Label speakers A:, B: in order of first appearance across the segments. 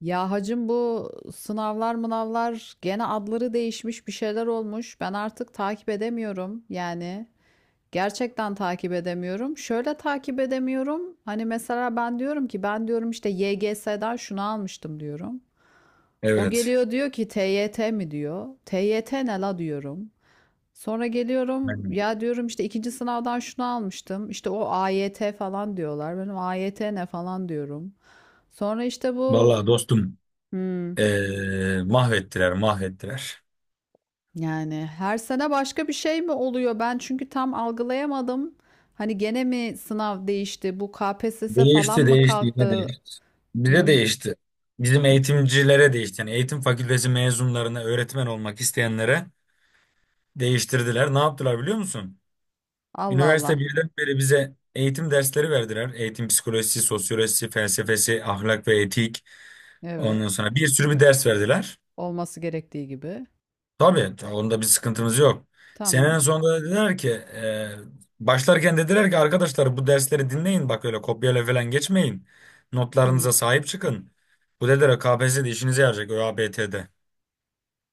A: Ya hacım bu sınavlar mınavlar gene adları değişmiş bir şeyler olmuş. Ben artık takip edemiyorum yani. Gerçekten takip edemiyorum. Şöyle takip edemiyorum. Hani mesela ben diyorum ki ben diyorum işte YGS'den şunu almıştım diyorum. O
B: Evet.
A: geliyor diyor ki TYT mi diyor. TYT ne la diyorum. Sonra geliyorum
B: Aynen.
A: ya diyorum işte ikinci sınavdan şunu almıştım. İşte o AYT falan diyorlar. Benim AYT ne falan diyorum. Sonra işte bu...
B: Vallahi dostum
A: Hmm.
B: mahvettiler mahvettiler.
A: Yani her sene başka bir şey mi oluyor? Ben çünkü tam algılayamadım. Hani gene mi sınav değişti? Bu KPSS falan
B: Değişti
A: mı
B: değişti yine
A: kalktı?
B: değişti. Bize
A: Hmm,
B: değişti. Bizim eğitimcilere değişti. Yani eğitim fakültesi mezunlarına öğretmen olmak isteyenlere değiştirdiler. Ne yaptılar biliyor musun?
A: Allah
B: Üniversite
A: Allah.
B: birden beri bize eğitim dersleri verdiler. Eğitim psikolojisi, sosyolojisi, felsefesi, ahlak ve etik.
A: Evet.
B: Ondan sonra bir sürü bir ders verdiler.
A: Olması gerektiği gibi.
B: Tabii onda bir sıkıntımız yok.
A: Tamam.
B: Senenin sonunda dediler ki başlarken dediler ki arkadaşlar bu dersleri dinleyin, bak öyle kopyayla falan geçmeyin.
A: Hmm.
B: Notlarınıza sahip çıkın. Bu dediler KPSS'de işinize yarayacak, ÖABT'de.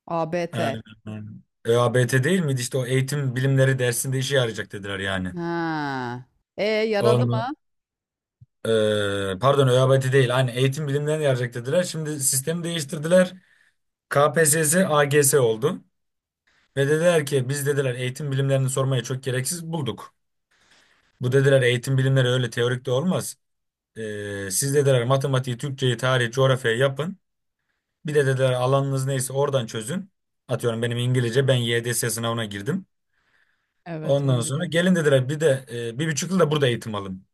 A: A B T.
B: Aynen. ÖABT değil miydi, işte o eğitim bilimleri dersinde işe yarayacak dediler yani.
A: Ha. E, yaradı
B: Onu,
A: mı?
B: pardon ÖABT değil, hani eğitim bilimlerine yarayacak dediler. Şimdi sistemi değiştirdiler. KPSS AGS oldu. Ve dediler ki biz dediler, eğitim bilimlerini sormaya çok gereksiz bulduk. Bu dediler, eğitim bilimleri öyle teorik de olmaz. Siz dediler, matematiği, Türkçeyi, tarihi, coğrafyayı yapın. Bir de dediler alanınız neyse oradan çözün. Atıyorum benim İngilizce, ben YDS sınavına girdim.
A: Evet,
B: Ondan
A: onu
B: sonra
A: biliyorum.
B: gelin dediler, bir de bir buçuk yıl da burada eğitim alın.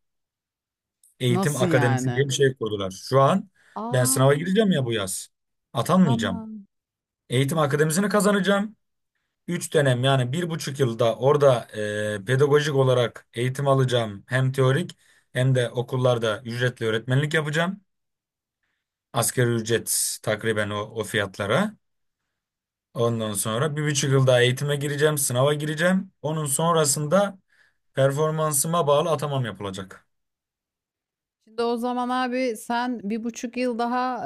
B: Eğitim
A: Nasıl
B: akademisi diye
A: yani?
B: bir şey kurdular. Şu an ben
A: Aa,
B: sınava gireceğim ya bu yaz. Atanmayacağım.
A: tamam.
B: Eğitim akademisini kazanacağım. 3 dönem, yani 1,5 yılda orada pedagojik olarak eğitim alacağım, hem teorik hem de okullarda ücretli öğretmenlik yapacağım. Asgari ücret takriben o fiyatlara. Ondan sonra 1,5 yıl daha eğitime gireceğim, sınava gireceğim. Onun sonrasında performansıma bağlı atamam yapılacak.
A: Şimdi o zaman abi sen 1,5 yıl daha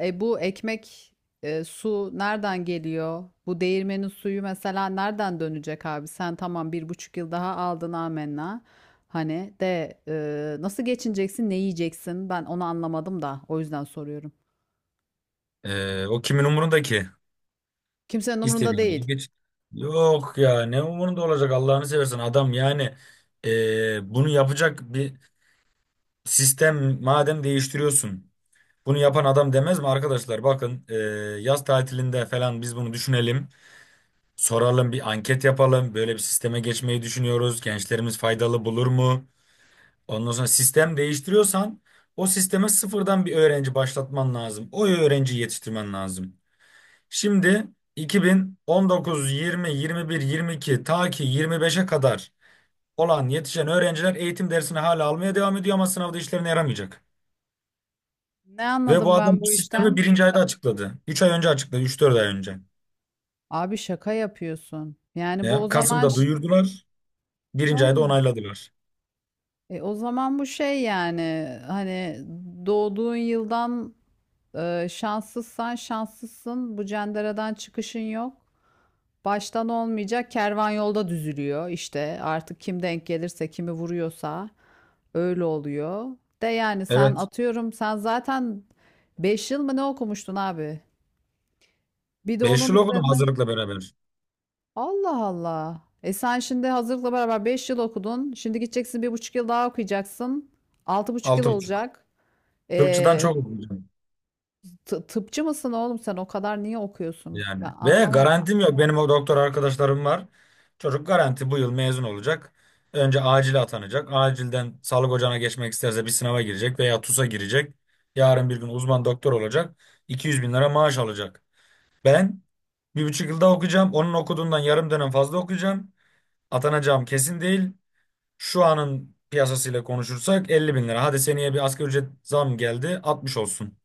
A: bu ekmek su nereden geliyor? Bu değirmenin suyu mesela nereden dönecek abi? Sen tamam bir buçuk yıl daha aldın amenna. Hani de nasıl geçineceksin, ne yiyeceksin? Ben onu anlamadım da o yüzden soruyorum.
B: O kimin umurunda ki?
A: Kimsenin umurunda
B: İstediğin
A: değil.
B: gibi geç. Yok ya, ne umurunda olacak Allah'ını seversen adam yani, bunu yapacak bir sistem madem değiştiriyorsun. Bunu yapan adam demez mi arkadaşlar? Bakın, yaz tatilinde falan biz bunu düşünelim. Soralım, bir anket yapalım. Böyle bir sisteme geçmeyi düşünüyoruz. Gençlerimiz faydalı bulur mu? Ondan sonra sistem değiştiriyorsan o sisteme sıfırdan bir öğrenci başlatman lazım. O öğrenciyi yetiştirmen lazım. Şimdi 2019, 20, 21, 22, ta ki 25'e kadar olan yetişen öğrenciler eğitim dersini hala almaya devam ediyor ama sınavda işlerine yaramayacak.
A: Ne
B: Ve bu
A: anladım
B: adam
A: ben
B: bu
A: bu
B: sistemi
A: işten?
B: birinci ayda açıkladı. 3 ay önce açıkladı. 3-4 ay önce.
A: Abi şaka yapıyorsun. Yani bu o
B: Ya,
A: zaman...
B: Kasım'da duyurdular. Birinci ayda
A: Vallahi.
B: onayladılar.
A: E, o zaman bu şey yani hani doğduğun yıldan şanssızsan şanssızsın. Bu cenderadan çıkışın yok. Baştan olmayacak. Kervan yolda düzülüyor İşte Artık kim denk gelirse, kimi vuruyorsa öyle oluyor. De yani sen
B: Evet.
A: atıyorum sen zaten 5 yıl mı ne okumuştun abi? Bir de
B: Beş
A: onun
B: yıl okudum
A: üzerine.
B: hazırlıkla beraber.
A: Allah Allah. E, sen şimdi hazırlıkla beraber 5 yıl okudun. Şimdi gideceksin 1,5 yıl daha okuyacaksın. 6,5 yıl
B: 6,5.
A: olacak.
B: Tıpçıdan
A: E,
B: çok okudum.
A: tıpçı mısın oğlum sen? O kadar niye okuyorsun?
B: Yani.
A: Ben
B: Ve
A: anlamadım.
B: garantim yok. Benim o doktor arkadaşlarım var. Çocuk garanti bu yıl mezun olacak. Önce acile atanacak. Acilden sağlık ocağına geçmek isterse bir sınava girecek veya TUS'a girecek. Yarın bir gün uzman doktor olacak. 200.000 lira maaş alacak. Ben 1,5 yılda okuyacağım. Onun okuduğundan yarım dönem fazla okuyacağım. Atanacağım kesin değil. Şu anın piyasasıyla konuşursak 50 bin lira. Hadi seneye bir asgari ücret zam geldi, 60 olsun.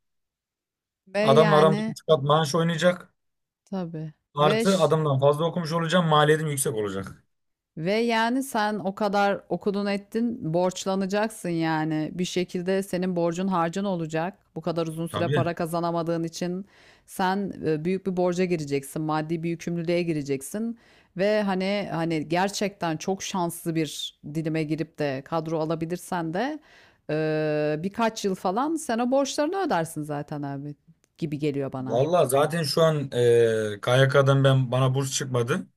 A: Ve
B: Adamla aramda
A: yani
B: 3 kat maaş oynayacak.
A: tabii. Ve
B: Artı
A: ş-
B: adamdan fazla okumuş olacağım. Maliyetim yüksek olacak.
A: ve yani sen o kadar okudun ettin borçlanacaksın yani. Bir şekilde senin borcun harcın olacak. Bu kadar uzun süre
B: Tabii.
A: para kazanamadığın için sen büyük bir borca gireceksin. Maddi bir yükümlülüğe gireceksin. Ve hani gerçekten çok şanslı bir dilime girip de kadro alabilirsen de birkaç yıl falan sen o borçlarını ödersin zaten abi gibi geliyor bana.
B: Vallahi zaten şu an KYK'dan, ben bana burs çıkmadı.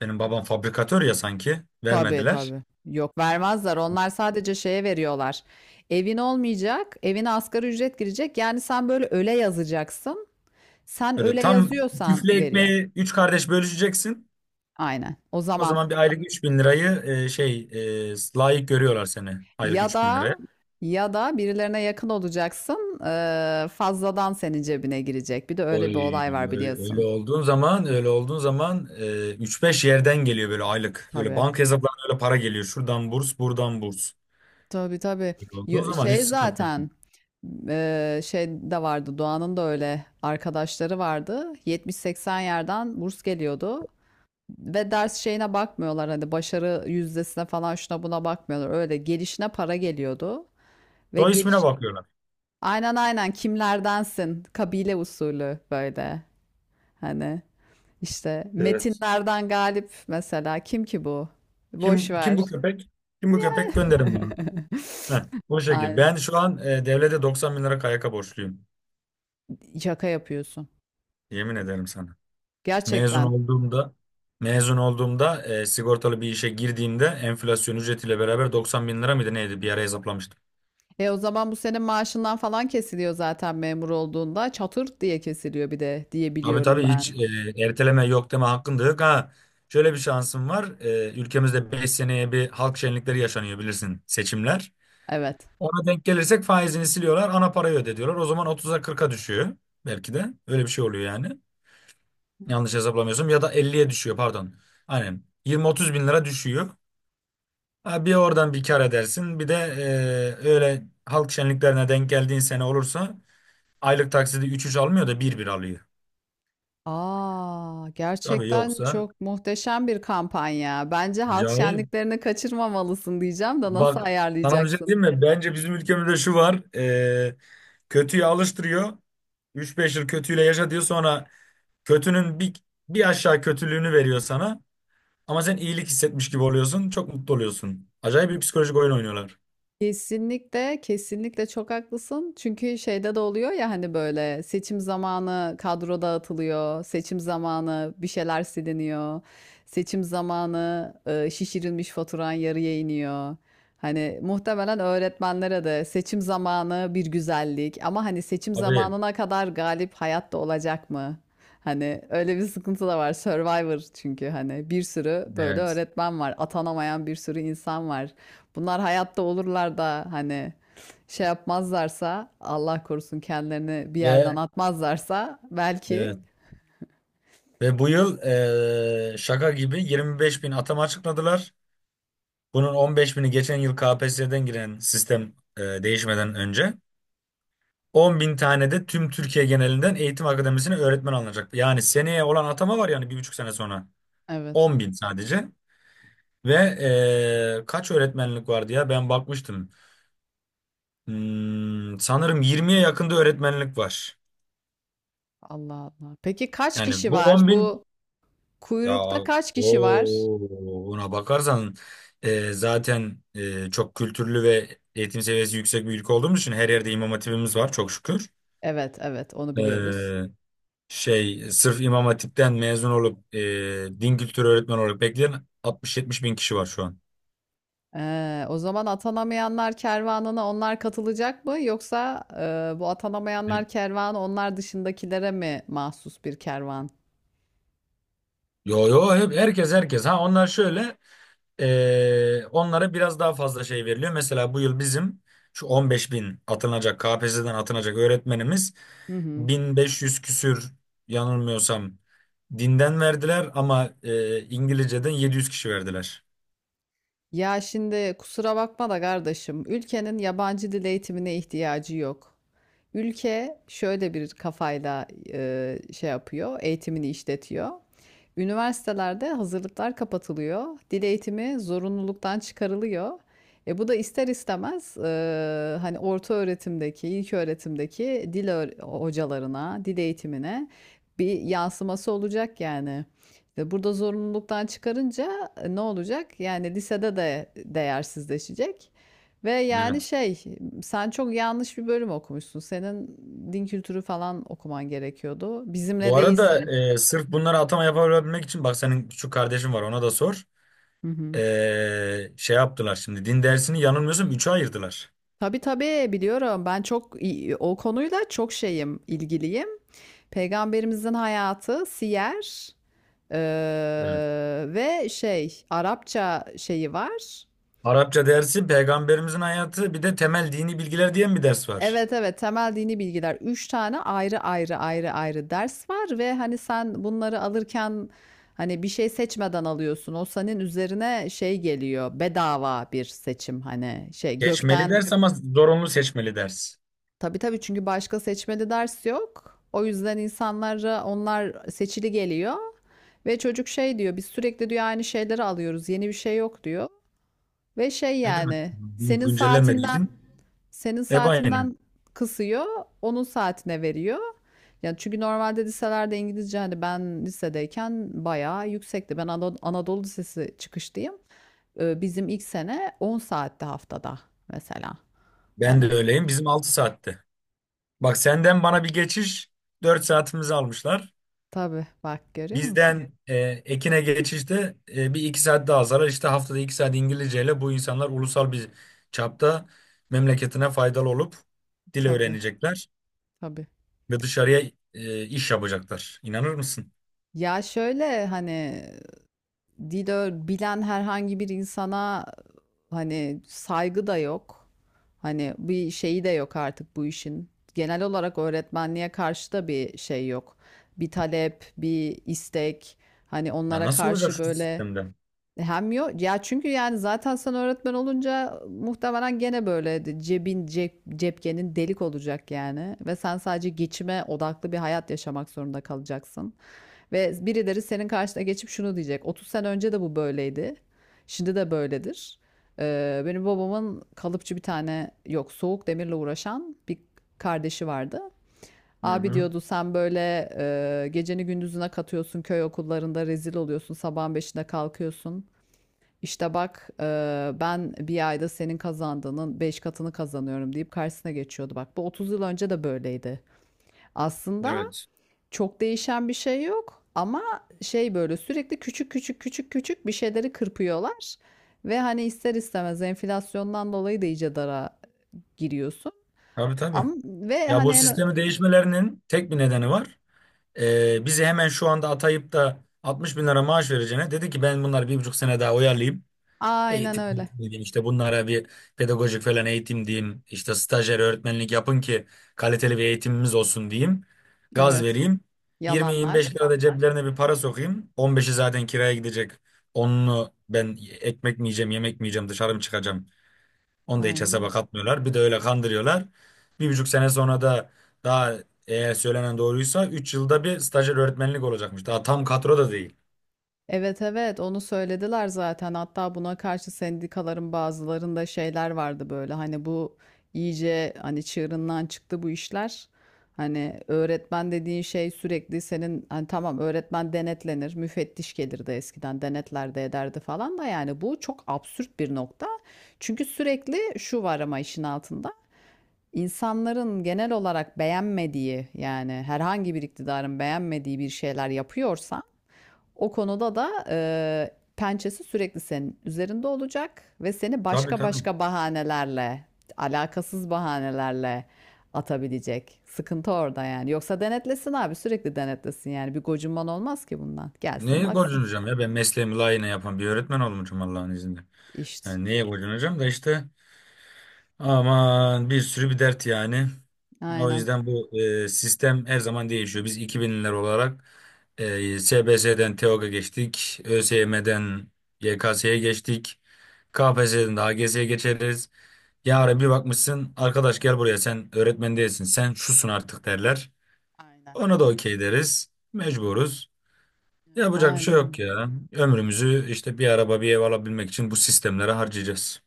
B: Benim babam fabrikatör ya sanki.
A: Tabii,
B: Vermediler.
A: tabii. Yok, vermezler. Onlar sadece şeye veriyorlar. Evin olmayacak, evine asgari ücret girecek. Yani sen böyle öyle yazacaksın. Sen
B: Böyle
A: öyle
B: tam
A: yazıyorsan
B: küflü
A: veriyor.
B: ekmeği 3 kardeş bölüşeceksin.
A: Aynen. O
B: O
A: zaman
B: zaman bir aylık 3.000 lirayı layık görüyorlar seni, aylık
A: ya
B: 3000
A: da
B: liraya.
A: ya da birilerine yakın olacaksın. Fazladan senin cebine girecek. Bir de öyle bir
B: Oy
A: olay var
B: öyle
A: biliyorsun.
B: olduğun zaman, 3-5 yerden geliyor böyle aylık. Öyle
A: Tabii.
B: banka hesaplarına öyle para geliyor. Şuradan burs, buradan burs.
A: Tabii, tabii.
B: Öyle olduğun zaman hiç
A: Şey
B: sıkıntı yok.
A: zaten şey de vardı. Doğan'ın da öyle arkadaşları vardı. 70-80 yerden burs geliyordu. Ve ders şeyine bakmıyorlar hani başarı yüzdesine falan şuna buna bakmıyorlar. Öyle gelişine para geliyordu ve
B: Soy ismine
A: geliş
B: bakıyorlar.
A: aynen, aynen, kimlerdensin, kabile usulü böyle hani işte
B: Evet.
A: metinlerden Galip mesela kim ki bu? Boş
B: Kim
A: ver.
B: bu köpek? Kim bu
A: Ya.
B: köpek? Gönderin bunu. Heh, bu şekil.
A: Ay,
B: Ben şu an devlete 90 bin lira KYK borçluyum.
A: şaka yapıyorsun.
B: Yemin ederim sana. Mezun
A: Gerçekten.
B: olduğumda mezun olduğumda sigortalı bir işe girdiğimde enflasyon ücretiyle beraber 90 bin lira mıydı neydi, bir ara hesaplamıştım.
A: E, o zaman bu senin maaşından falan kesiliyor zaten memur olduğunda. Çatır diye kesiliyor bir de diye
B: Abi
A: biliyorum
B: tabii,
A: ben.
B: hiç erteleme yok, deme hakkın da yok. Ha, şöyle bir şansım var. Ülkemizde 5 seneye bir halk şenlikleri yaşanıyor, bilirsin, seçimler.
A: Evet.
B: Ona denk gelirsek faizini siliyorlar, ana parayı ödediyorlar. O zaman 30'a, 40'a düşüyor, belki de öyle bir şey oluyor yani. Yanlış hesaplamıyorsam ya da 50'ye düşüyor, pardon. Aynen 20-30 bin lira düşüyor. Ha, bir oradan bir kar edersin. Bir de öyle halk şenliklerine denk geldiğin sene olursa aylık taksidi üç üç almıyor da bir bir alıyor.
A: A!
B: Tabii
A: Gerçekten
B: yoksa
A: çok muhteşem bir kampanya. Bence halk
B: acayip.
A: şenliklerini kaçırmamalısın diyeceğim de nasıl
B: Bak, sana bir şey
A: ayarlayacaksın?
B: diyeyim mi? Bence bizim ülkemizde şu var. Kötüyü alıştırıyor. 3-5 yıl kötüyle yaşa diyor. Sonra kötünün bir aşağı kötülüğünü veriyor sana. Ama sen iyilik hissetmiş gibi oluyorsun. Çok mutlu oluyorsun. Acayip bir psikolojik oyun oynuyorlar.
A: Kesinlikle, kesinlikle çok haklısın. Çünkü şeyde de oluyor ya hani böyle seçim zamanı kadro dağıtılıyor, seçim zamanı bir şeyler siliniyor, seçim zamanı şişirilmiş faturan yarıya iniyor. Hani muhtemelen öğretmenlere de seçim zamanı bir güzellik ama hani seçim
B: Tabii.
A: zamanına kadar Galip hayatta olacak mı? Hani öyle bir sıkıntı da var. Survivor çünkü hani bir sürü böyle
B: Evet.
A: öğretmen var, atanamayan bir sürü insan var. Bunlar hayatta olurlar da hani şey yapmazlarsa Allah korusun kendilerini bir yerden
B: Ve
A: atmazlarsa
B: evet.
A: belki.
B: Ve bu yıl şaka gibi 25 bin atama açıkladılar. Bunun 15 bini geçen yıl KPSS'den giren sistem, değişmeden önce. 10 bin tane de tüm Türkiye genelinden eğitim akademisine öğretmen alınacak. Yani seneye olan atama var, yani 1,5 sene sonra.
A: Evet.
B: 10 bin sadece. Ve kaç öğretmenlik vardı ya, ben bakmıştım. Sanırım 20'ye yakında öğretmenlik var.
A: Allah Allah. Peki kaç
B: Yani
A: kişi
B: bu
A: var?
B: 10.000.
A: Bu
B: Ya
A: kuyrukta kaç
B: o
A: kişi var?
B: ona bakarsan, zaten çok kültürlü ve eğitim seviyesi yüksek bir ülke olduğumuz için her yerde imam hatibimiz var, çok şükür.
A: Evet, evet, onu biliyoruz.
B: E, Şey sırf imam hatipten mezun olup din kültürü öğretmeni olarak bekleyen 60-70 bin kişi var şu an.
A: O zaman atanamayanlar kervanına onlar katılacak mı yoksa bu
B: E,
A: atanamayanlar kervanı onlar dışındakilere mi mahsus bir kervan?
B: Yo yo, hep herkes herkes. Ha, onlar şöyle. Onlara biraz daha fazla şey veriliyor. Mesela bu yıl bizim şu 15 bin atılacak KPSS'den atılacak öğretmenimiz
A: Hı hı.
B: 1500 küsür, yanılmıyorsam, dinden verdiler ama İngilizceden 700 kişi verdiler.
A: Ya şimdi kusura bakma da kardeşim, ülkenin yabancı dil eğitimine ihtiyacı yok. Ülke şöyle bir kafayla şey yapıyor, eğitimini işletiyor. Üniversitelerde hazırlıklar kapatılıyor, dil eğitimi zorunluluktan çıkarılıyor. E, bu da ister istemez hani orta öğretimdeki, ilk öğretimdeki dil hocalarına, dil eğitimine bir yansıması olacak yani. İşte burada zorunluluktan çıkarınca ne olacak? Yani lisede de değersizleşecek. Ve yani
B: Evet.
A: şey, sen çok yanlış bir bölüm okumuşsun. Senin din kültürü falan okuman gerekiyordu. Bizimle
B: Bu arada
A: değilsin.
B: sırf bunlara atama yapabilmek için, bak, senin şu kardeşin var, ona da sor.
A: Hı hı.
B: Şey yaptılar, şimdi din dersini yanılmıyorsam 3'e ayırdılar.
A: Tabii, tabii, biliyorum. Ben çok o konuyla çok şeyim, ilgiliyim. Peygamberimizin hayatı, siyer, eee,
B: Evet.
A: ve şey Arapça şeyi var.
B: Arapça dersi, peygamberimizin hayatı, bir de temel dini bilgiler diye bir ders var.
A: Evet, evet. Temel dini bilgiler. Üç tane ayrı ayrı ayrı ayrı ders var ve hani sen bunları alırken hani bir şey seçmeden alıyorsun. O senin üzerine şey geliyor. Bedava bir seçim hani şey
B: Geçmeli
A: gökten.
B: ders ama zorunlu seçmeli ders.
A: Tabii, tabii, çünkü başka seçmeli ders yok. O yüzden insanlara onlar seçili geliyor ve çocuk şey diyor biz sürekli diyor aynı şeyleri alıyoruz. Yeni bir şey yok diyor. Ve şey
B: Ne demek?
A: yani senin
B: Güncellenmediği
A: saatinden
B: için.
A: Senin
B: Hep aynı.
A: saatinden kısıyor, onun saatine veriyor. Yani çünkü normalde liselerde İngilizce hani ben lisedeyken bayağı yüksekti. Ben Anadolu Lisesi çıkışlıyım. Bizim ilk sene 10 saatte haftada mesela.
B: Ben de
A: Hani
B: öyleyim. Bizim 6 saatte. Bak, senden bana bir geçiş 4 saatimizi almışlar.
A: tabii bak görüyor musun?
B: Bizden Ekin'e geçişte 1-2 saat daha zarar. İşte haftada 2 saat İngilizceyle bu insanlar ulusal bir çapta memleketine faydalı olup dil
A: Tabii,
B: öğrenecekler
A: tabii.
B: ve dışarıya iş yapacaklar. İnanır mısın?
A: Ya şöyle hani dil bilen herhangi bir insana hani saygı da yok. Hani bir şeyi de yok artık bu işin. Genel olarak öğretmenliğe karşı da bir şey yok. Bir talep, bir istek. Hani
B: Ya
A: onlara
B: nasıl olacak
A: karşı
B: şu
A: böyle
B: sistemden?
A: hem yok. Ya çünkü yani zaten sen öğretmen olunca muhtemelen gene böyle cebin cep, cepkenin delik olacak yani. Ve sen sadece geçime odaklı bir hayat yaşamak zorunda kalacaksın. Ve birileri senin karşına geçip şunu diyecek. 30 sene önce de bu böyleydi. Şimdi de böyledir. Benim babamın kalıpçı bir tane yok soğuk demirle uğraşan bir kardeşi vardı.
B: Hı
A: Abi
B: hı.
A: diyordu sen böyle geceni gündüzüne katıyorsun köy okullarında rezil oluyorsun sabahın beşinde kalkıyorsun. İşte bak, ben bir ayda senin kazandığının 5 katını kazanıyorum deyip karşısına geçiyordu. Bak bu 30 yıl önce de böyleydi. Aslında
B: Evet.
A: çok değişen bir şey yok ama şey böyle sürekli küçük küçük küçük küçük bir şeyleri kırpıyorlar. Ve hani ister istemez enflasyondan dolayı da iyice dara giriyorsun.
B: Tabii tabii.
A: Ama
B: Ya,
A: hani
B: bu sistemi değişmelerinin tek bir nedeni var. Bizi hemen şu anda atayıp da 60 bin lira maaş vereceğine dedi ki ben bunları 1,5 sene daha oyalayayım.
A: aynen
B: Eğitim,
A: öyle.
B: eğitim diyeyim, işte bunlara bir pedagojik falan eğitim diyeyim. İşte stajyer öğretmenlik yapın ki kaliteli bir eğitimimiz olsun diyeyim. Gaz
A: Evet.
B: vereyim. 20-25
A: Yalanlar.
B: lira da ceplerine bir para sokayım. 15'i zaten kiraya gidecek. Onunu ben ekmek mi yiyeceğim, yemek mi yiyeceğim, dışarı mı çıkacağım? Onu da hiç hesaba
A: Aynen.
B: katmıyorlar. Bir de öyle kandırıyorlar. 1,5 sene sonra da, daha, eğer söylenen doğruysa 3 yılda bir stajyer öğretmenlik olacakmış. Daha tam kadro da değil.
A: Evet, evet, onu söylediler zaten hatta buna karşı sendikaların bazılarında şeyler vardı böyle hani bu iyice hani çığırından çıktı bu işler. Hani öğretmen dediğin şey sürekli senin hani tamam öğretmen denetlenir müfettiş gelirdi eskiden denetler de ederdi falan da yani bu çok absürt bir nokta. Çünkü sürekli şu var ama işin altında insanların genel olarak beğenmediği yani herhangi bir iktidarın beğenmediği bir şeyler yapıyorsa o konuda da pençesi sürekli senin üzerinde olacak ve seni
B: Tabii
A: başka
B: tabii.
A: başka bahanelerle, alakasız bahanelerle atabilecek. Sıkıntı orada yani. Yoksa denetlesin abi, sürekli denetlesin yani. Bir gocunman olmaz ki bundan. Gelsin
B: Neye
A: baksın.
B: gocunacağım ya, ben mesleğimi layığına yapan bir öğretmen olmuşum Allah'ın izniyle.
A: İşte.
B: Yani neye gocunacağım da işte. Aman, bir sürü bir dert yani. O
A: Aynen.
B: yüzden bu sistem her zaman değişiyor. Biz 2000'ler olarak SBS'den TEOG'a geçtik. ÖSYM'den YKS'ye geçtik. KPSS'den de AGS'ye geçeriz. Yarın bir bakmışsın, arkadaş gel buraya, sen öğretmen değilsin, sen şusun artık, derler.
A: Aynen.
B: Ona da okey deriz. Mecburuz. Yapacak bir şey yok
A: Aynen.
B: ya. Ömrümüzü işte bir araba bir ev alabilmek için bu sistemlere harcayacağız.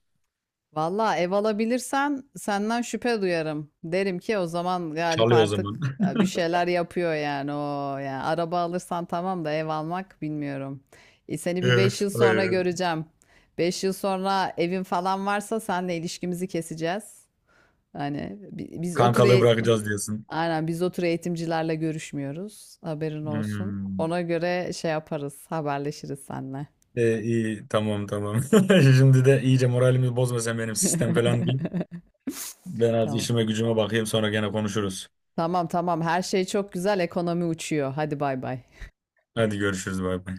A: Valla ev alabilirsen senden şüphe duyarım. Derim ki o zaman Galip
B: Çalıyor o
A: artık
B: zaman.
A: bir şeyler yapıyor yani o yani araba alırsan tamam da ev almak bilmiyorum. E, seni bir 5
B: Evet,
A: yıl sonra
B: hayır.
A: göreceğim. 5 yıl sonra evin falan varsa senle ilişkimizi keseceğiz. Hani biz o tür
B: Kankalığı bırakacağız diyorsun.
A: aynen biz o tür eğitimcilerle görüşmüyoruz. Haberin olsun.
B: Hmm.
A: Ona göre şey yaparız, haberleşiriz senle.
B: E, iyi tamam tamam. Şimdi de iyice moralimi bozma sen benim, sistem falan değil. Ben az
A: Tamam.
B: işime gücüme bakayım, sonra gene konuşuruz.
A: Tamam, tamam, her şey çok güzel, ekonomi uçuyor. Hadi bay bay.
B: Hadi görüşürüz, bay bay.